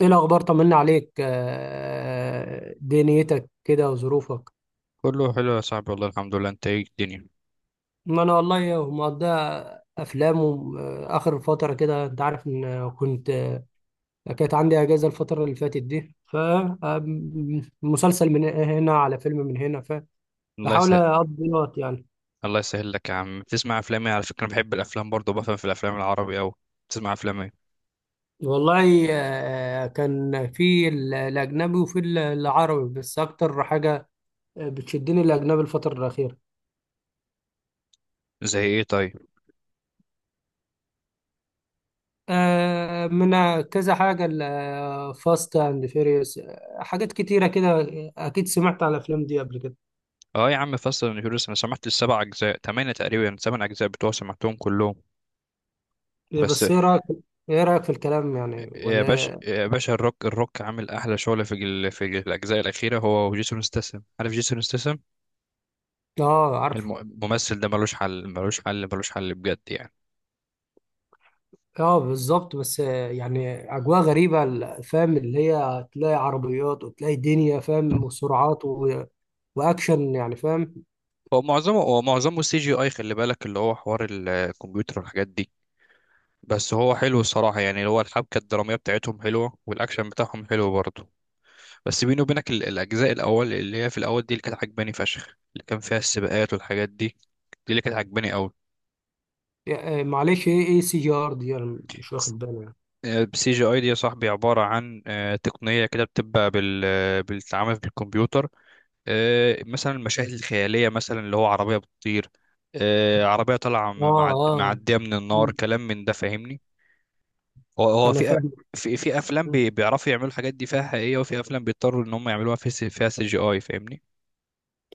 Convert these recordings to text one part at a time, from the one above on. ايه الاخبار؟ طمنا عليك. دنيتك كده وظروفك. كله حلو يا صاحبي والله الحمد لله. انت ايه الدنيا؟ ما انا والله مقضيها افلام اخر فتره كده، انت عارف ان كنت، كانت عندي اجازه الفتره اللي فاتت دي. ف آم، مسلسل من هنا، على فيلم من هنا، الله فبحاول يسهل. اقضي الوقت يعني. الله يسهل لك يا عم. بتسمع افلام ايه؟ على فكره انا بحب الافلام برضه، وبفهم في الافلام العربي اوي. بتسمع افلام ايه؟ والله كان في الاجنبي وفي العربي، بس اكتر حاجه بتشدني الاجنبي الفتره الاخيره. زي ايه طيب؟ من كذا حاجة، فاست اند فيريوس، حاجات كتيرة كده. أكيد سمعت عن الأفلام دي قبل كده. اه يا عم، فاست اند فيوريوس. انا سمعت السبع اجزاء تمانية تقريبا، سبع اجزاء بتوع سمعتهم كلهم. إيه؟ بس، بس إيه رأيك؟ إيه رأيك في الكلام يعني يا ولا باشا إيه؟ يا باشا، الروك الروك عامل احلى شغل في الاجزاء الاخيره، هو وجيسون ستاثام. عارف جيسون ستاثام؟ آه عارفه. الممثل ده ملوش حل ملوش حل ملوش حل بجد يعني. آه بالظبط، بس يعني أجواء غريبة، فاهم؟ اللي هي تلاقي عربيات وتلاقي دنيا فاهم، وسرعات و وأكشن يعني، فاهم؟ هو معظمه سي جي اي. خلي بالك اللي هو حوار الكمبيوتر والحاجات دي. بس هو حلو الصراحة، يعني اللي هو الحبكة الدرامية بتاعتهم حلوة، والأكشن بتاعهم حلو برضه. بس بيني وبينك الأجزاء الأول اللي هي في الأول دي اللي كانت عجباني فشخ، اللي كان فيها السباقات والحاجات دي. دي اللي كانت عجباني أوي. معلش، إيه إيه سي جي آر دي؟ أنا مش واخد بالي يعني. سي جي اي دي يا صاحبي عبارة عن تقنية كده، بتبقى بالتعامل بالكمبيوتر. مثلا المشاهد الخيالية، مثلا اللي هو عربية بتطير. عربية طالعة آه آه، معدية من النار، كلام من ده. فاهمني؟ هو أنا في فاهم. في افلام بيعرفوا يعملوا الحاجات دي فيها حقيقيه، وفي افلام بيضطروا ان هم يعملوها فيها سي جي اي. فاهمني؟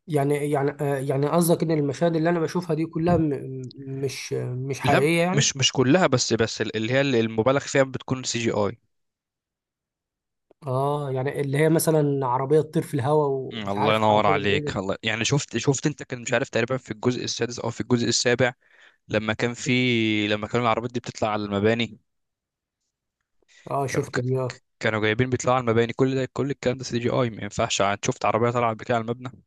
يعني يعني يعني قصدك ان المشاهد اللي انا بشوفها دي كلها مش لا، حقيقية يعني؟ مش كلها، بس اللي هي اللي المبالغ فيها بتكون سي جي اي. اه، يعني اللي هي مثلا عربية تطير في الهواء مم، ومش الله عارف ينور حركات عليك. غريبة. الله يعني، شفت انت، كان مش عارف تقريبا في الجزء السادس او في الجزء السابع، لما كان في... لما كانوا العربيات دي بتطلع على المباني. اه كانوا شفت دي ك- اه. كانوا جايبين بيطلعوا على المباني، كل ده كل الكلام ده سي جي اي، ما ينفعش. شفت عربيه طالعه بكده على المبنى.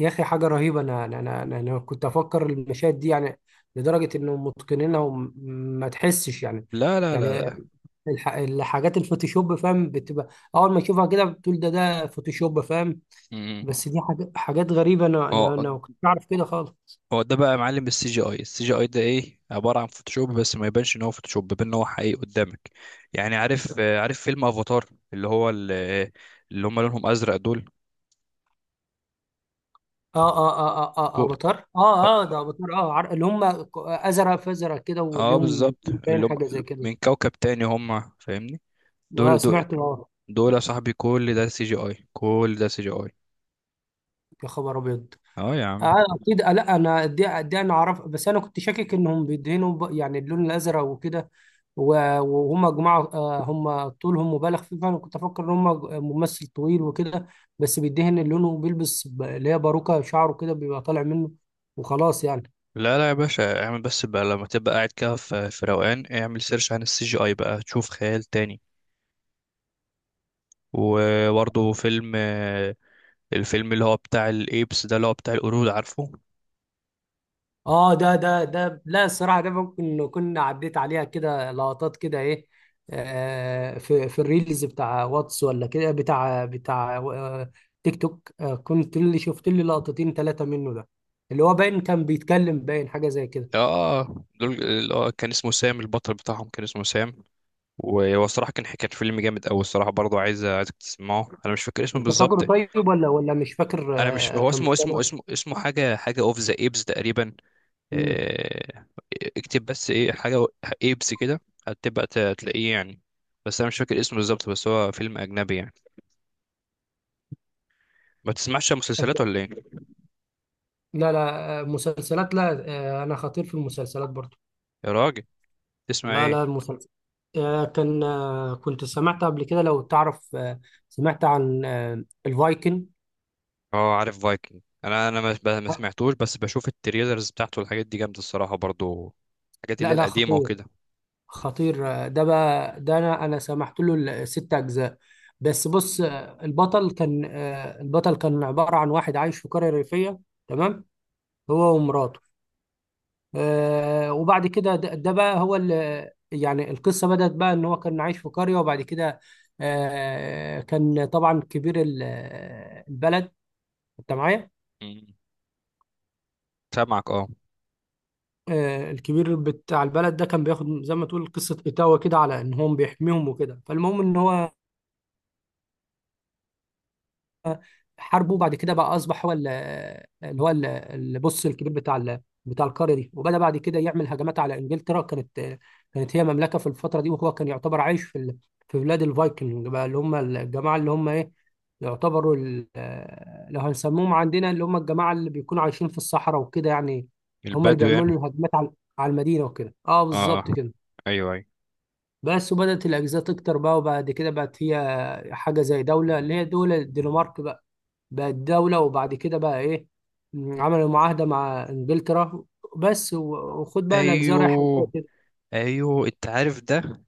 يا اخي حاجة رهيبة! انا انا انا, أنا أنا كنت افكر المشاهد دي يعني لدرجة انهم متقنينها وما تحسش يعني. لا لا لا يعني لا. الحاجات الفوتوشوب فاهم بتبقى اول ما تشوفها كده، بتقول ده ده فوتوشوب فاهم. مم. بس دي حاجات، حاجات غريبة. انا انا اه، انا ما كنتش اعرف كده خالص. هو ده بقى يا معلم السي جي اي. السي جي اي ده ايه؟ عباره عن فوتوشوب، بس ما يبانش ان هو فوتوشوب، بيبان ان هو حقيقي قدامك يعني. عارف عارف فيلم افاتار؟ اللي هو اللي هم لونهم ازرق دول، اه اه اه اه اه، فوق. افاتار، اه اه اه، ده افاتار اه. اللي هم ازرق، فازرق كده وليهم بالظبط، باين اللي هم حاجه زي كده. من كوكب تاني هم. فاهمني؟ اه دول سمعت اه. دول يا صاحبي، كل ده سي جي اي، كل ده سي جي اي. يا خبر ابيض! اه يا عم. اه اكيد. لا انا دي انا اعرف، بس انا كنت شاكك انهم بيدهنوا يعني اللون الازرق وكده. وهم جماعه آه، هم طولهم مبالغ فيه، فانا كنت افكر ان هم ممثل طويل وكده، بس بيدهن لونه وبيلبس اللي هي باروكه شعره كده بيبقى طالع منه وخلاص يعني. لا لا يا باشا، اعمل بس بقى لما تبقى قاعد كده في في روقان، اعمل سيرش عن السي جي اي بقى، تشوف خيال تاني. وبرضه فيلم، الفيلم اللي هو بتاع الايبس ده، اللي هو بتاع القرود، عارفه؟ اه ده ده ده، لا الصراحه ده ممكن كنا عديت عليها كده لقطات كده ايه، في في الريلز بتاع واتس ولا كده، بتاع بتاع تيك توك آه، كنت اللي شفت لي لقطتين ثلاثه منه ده، اللي هو باين كان بيتكلم، باين حاجه زي كده. اه، دول اللي هو كان اسمه سام، البطل بتاعهم كان اسمه سام. وهو الصراحه كان فيلم جامد قوي الصراحه برضه. عايزك تسمعه. انا مش فاكر اسمه انت بالظبط. فاكره طيب ولا ولا مش فاكر انا مش... هو كان بيتكلم؟ اسمه حاجه اوف ذا ايبس تقريبا. مم. آه، اكتب بس ايه، حاجه ايبس كده، هتبقى تلاقيه يعني. بس انا مش فاكر اسمه بالظبط، بس هو فيلم اجنبي يعني. ما تسمعش مسلسلات ولا ايه؟ لا لا، مسلسلات لا، انا خطير في المسلسلات برضو. يا راجل، تسمع لا ايه؟ لا، كان كنت سمعت قبل كده لو تعرف، سمعت عن الفايكن. اه عارف فايكنج. انا ما سمعتوش، بس بشوف التريلرز بتاعته، الحاجات دي جامده الصراحه برضو، الحاجات اللي لا هي لا، القديمه خطير، وكده. خطير. ده بقى ده انا سمحت له الست اجزاء. بس بص، البطل كان عبارة عن واحد عايش في قرية ريفية، تمام، هو ومراته. وبعد كده ده ده بقى هو اللي يعني، القصة بدأت بقى ان هو كان عايش في قرية، وبعد كده كان طبعا كبير البلد. انت معايا؟ مم. سامعك اه. الكبير بتاع البلد ده كان بياخد زي ما تقول قصة إيتاوا كده، على إن هو بيحميهم وكده. فالمهم إن هو حاربه، وبعد كده بقى أصبح هو اللي هو اللي بص الكبير بتاع بتاع القارة دي، وبدأ بعد كده يعمل هجمات على إنجلترا. كانت هي مملكة في الفترة دي، وهو كان يعتبر عايش في في بلاد الفايكنج بقى، اللي هم الجماعة اللي هم إيه، يعتبروا لو هنسموهم عندنا اللي هم الجماعة اللي بيكونوا عايشين في الصحراء وكده يعني. هم اللي البدو بيعملوا يعني. الهجمات على على المدينة وكده، اه اه اه. بالظبط كده. ايوه ايوه بس وبدأت الأجهزة تكتر بقى، وبعد كده بقت هي حاجة زي دولة، اللي هي دولة الدنمارك بقى، بقت دولة. وبعد كده بقى إيه، م، عملوا معاهدة مع إنجلترا بس. وخد بقى الأجزاء رايحة جوه ايوه. كده. ايوه انت عارف ده.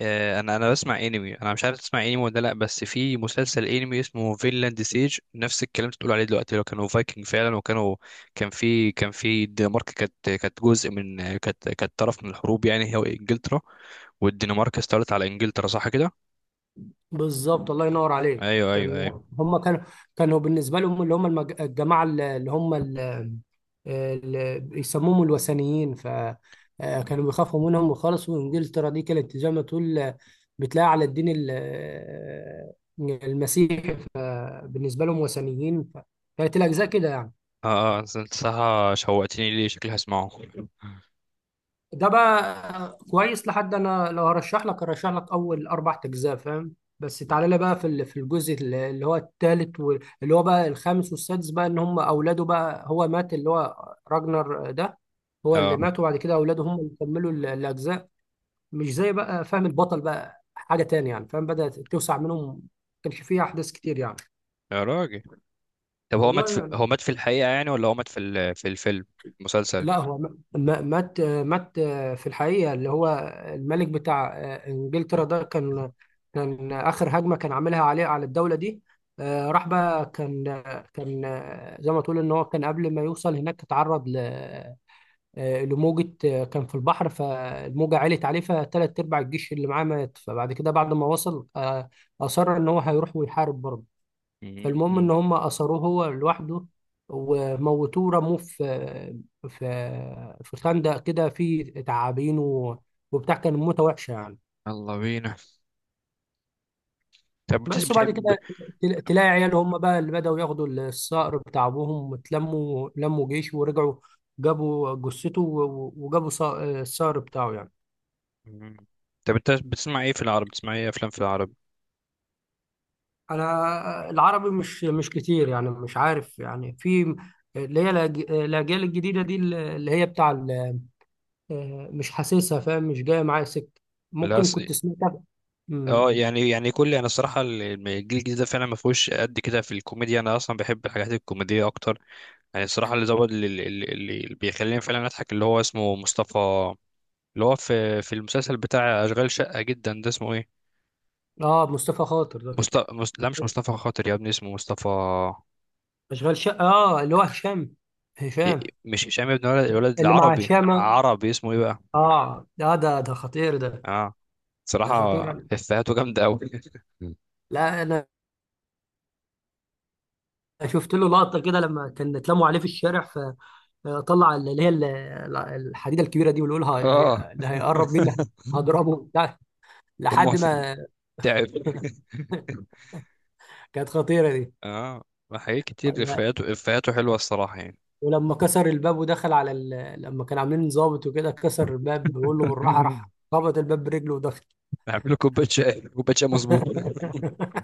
انا بسمع انمي. انا مش عارف تسمع انمي ولا لا، بس في مسلسل انمي اسمه فينلاند سيج، نفس الكلام اللي بتقول عليه دلوقتي، لو كانوا فايكنج فعلا، وكانوا كان في... كان في الدنمارك. كانت جزء من... كانت طرف من الحروب، يعني هي وانجلترا، والدنمارك استولت على انجلترا. صح كده؟ بالظبط، الله ينور عليك. ايوه ايوه كان ايوه. هم كانوا كانوا بالنسبة لهم اللي هم الجماعة اللي هم اللي بيسموهم الوثنيين. ف كانوا بيخافوا منهم خالص، وإنجلترا دي كانت زي ما تقول، بتلاقي على الدين المسيحي، بالنسبه لهم وثنيين. كانت الاجزاء كده يعني. اه اه انت صح. شوقتني ليه، شكلي هسمعه. ده بقى كويس. لحد انا لو هرشح لك هرشح لك اول اربع اجزاء فاهم، بس تعالى لي بقى في في الجزء اللي هو الثالث، واللي هو بقى الخامس والسادس بقى، ان هم اولاده بقى، هو مات اللي هو راجنر ده، هو اللي اه مات، وبعد كده اولاده هم اللي كملوا الاجزاء. مش زي بقى فاهم، البطل بقى حاجه تاني يعني فاهم، بدات توسع منهم، ما كانش فيها احداث كتير يعني. يا راجل. طب هو مات في... والله هو مات في الحقيقة يعني، ولا هو مات في ال... في الفيلم؟ مسلسل. لا، هو مات مات في الحقيقة. اللي هو الملك بتاع إنجلترا ده كان، كان آخر هجمة كان عاملها عليه على الدولة دي. راح بقى، كان كان زي ما تقول إن هو كان قبل ما يوصل هناك اتعرض لموجة، كان في البحر، فالموجة علت عليه، فتلات أرباع الجيش اللي معاه مات. فبعد كده بعد ما وصل أصر إن هو هيروح ويحارب برضه. فالمهم مم. ان هم اثروه هو لوحده، وموتوه ورموه في في في خندق كده فيه تعابين وبتاع. كان موته وحشه يعني. يلا بينا. طب بس وبعد بتحب. كده تلاقي عياله هم بقى اللي بدأوا ياخدوا الصقر بتاع ابوهم، واتلموا لموا جيش ورجعوا، جابوا جثته وجابوا الصقر بتاعه يعني. مم. طب انت بتسمع ايه في العرب؟ بتسمع ايه افلام في العرب؟ انا العربي مش مش كتير يعني، مش عارف يعني في اللي هي الاجيال الجديده دي اللي هي بتاع مش حاسسها فاهم، مش جاية معايا سكة. لا ممكن أص... كنت سمعتها. اه مم. يعني، يعني كل... انا الصراحه الجيل الجديد ده فعلا ما فيهوش قد كده في الكوميديا، انا اصلا بحب الحاجات الكوميديه اكتر. يعني الصراحه اللي زود اللي بيخليني فعلا اضحك، اللي هو اسمه مصطفى، اللي هو في في المسلسل بتاع أشغال شقة جدا ده، اسمه ايه؟ اه مصطفى خاطر ده، مصطفى مست... لا مش مصطفى خاطر يا ابني، اسمه مصطفى. اشغال شقة، اه اللي هو هشام، ي- هشام. مش هشام يا ابني، الولد الولد اللي مع العربي. هشام. عربي اسمه ايه بقى؟ اه ده ده ده خطير ده، اه، ده صراحة خطير. إفيهاته جامدة أوي. لا انا شفت له لقطة كده لما كان اتلموا عليه في الشارع، فطلع اللي هي الحديدة الكبيرة دي، ويقول اه اللي هيقرب مني هضربه بتاع أمه لحد ما. تعب. كانت خطيرة اه حاجات كتير، دي. إفيهاته حلوة الصراحة يعني. ولما كسر الباب ودخل على لما كان عاملين ضابط وكده، كسر الباب، بيقول له بالراحه، راح خبط الباب برجله ودخل. نعمل له كوباية شاي، كوباية شاي مظبوط.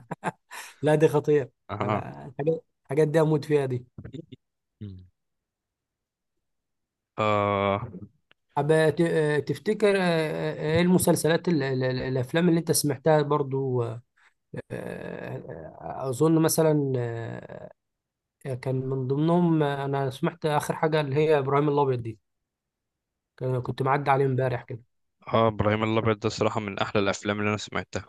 لا دي خطيره. اه. انا الحاجات، الحاجات دي اموت فيها دي. مم. اه أب... ت... آه، تفتكر ايه المسلسلات الافلام اللي انت سمعتها برضو؟ اظن مثلا كان من ضمنهم، انا سمعت اخر حاجه اللي هي ابراهيم الابيض دي، كنت معدي عليه امبارح كده. اه، ابراهيم الابيض ده صراحة من احلى الافلام اللي انا سمعتها.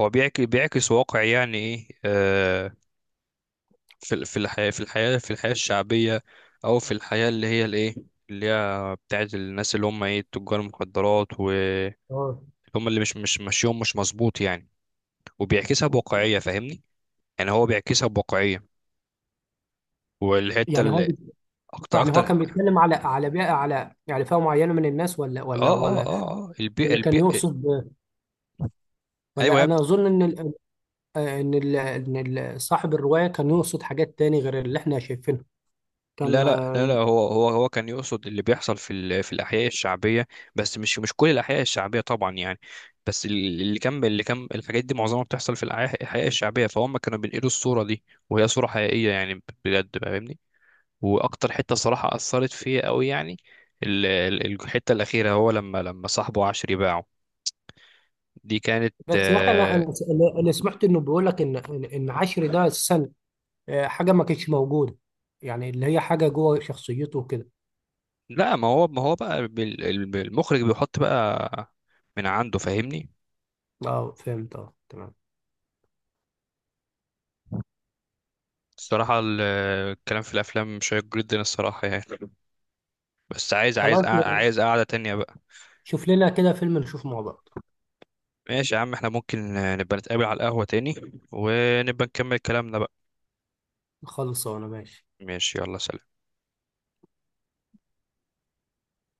هو بيعكس واقع، يعني ايه في ال... في الحياة، في الحياة الشعبية، او في الحياة اللي هي الايه، اللي هي بتاعت الناس اللي هم ايه، تجار المخدرات، واللي اه هم اللي مش ماشيهم مش مظبوط يعني، وبيعكسها بواقعية. فاهمني؟ يعني هو بيعكسها بواقعية. والحتة يعني هو، اللي اكتر يعني هو اكتر كان اه. بيتكلم على على بيئة، على يعني فئة معينة من الناس، ولا ولا اه اه ولا، اه البيئة ولا كان البيئة. يقصد، ولا ايوه. أنا أظن إن صاحب الرواية كان يقصد حاجات تاني غير اللي إحنا شايفينها؟ لا كان لا لا لا. هو كان يقصد اللي بيحصل في الاحياء الشعبيه، بس مش كل الاحياء الشعبيه طبعا يعني. بس اللي كان... اللي كان الحاجات دي معظمها بتحصل الاحياء الشعبيه، فهم كانوا بينقلوا الصوره دي، وهي صوره حقيقيه يعني بجد بقى، فاهمني؟ واكتر حته صراحه اثرت فيا قوي يعني، الحته الاخيره، هو لما صاحبه عشري باعه، دي كانت بس يا أخي أنا آه... أنا أنا سمعت إنه بيقول لك إن إن عشر ده السنة، حاجة ما كانتش موجودة يعني، اللي هي حاجة جوه شخصيته وكده. لا، ما هو، ما هو بقى المخرج بيحط بقى من عنده. فاهمني؟ أه فهمت، أه تمام. الصراحة الكلام في الأفلام شيق جدا الصراحة يعني. بس عايز خلاص، عايز قعدة تانية بقى. شوف لنا كده فيلم نشوفه مع بعض. ماشي يا عم، احنا ممكن نبقى نتقابل على القهوة تاني، ونبقى نكمل كلامنا بقى. خلصانة، ماشي. ماشي يلا سلام.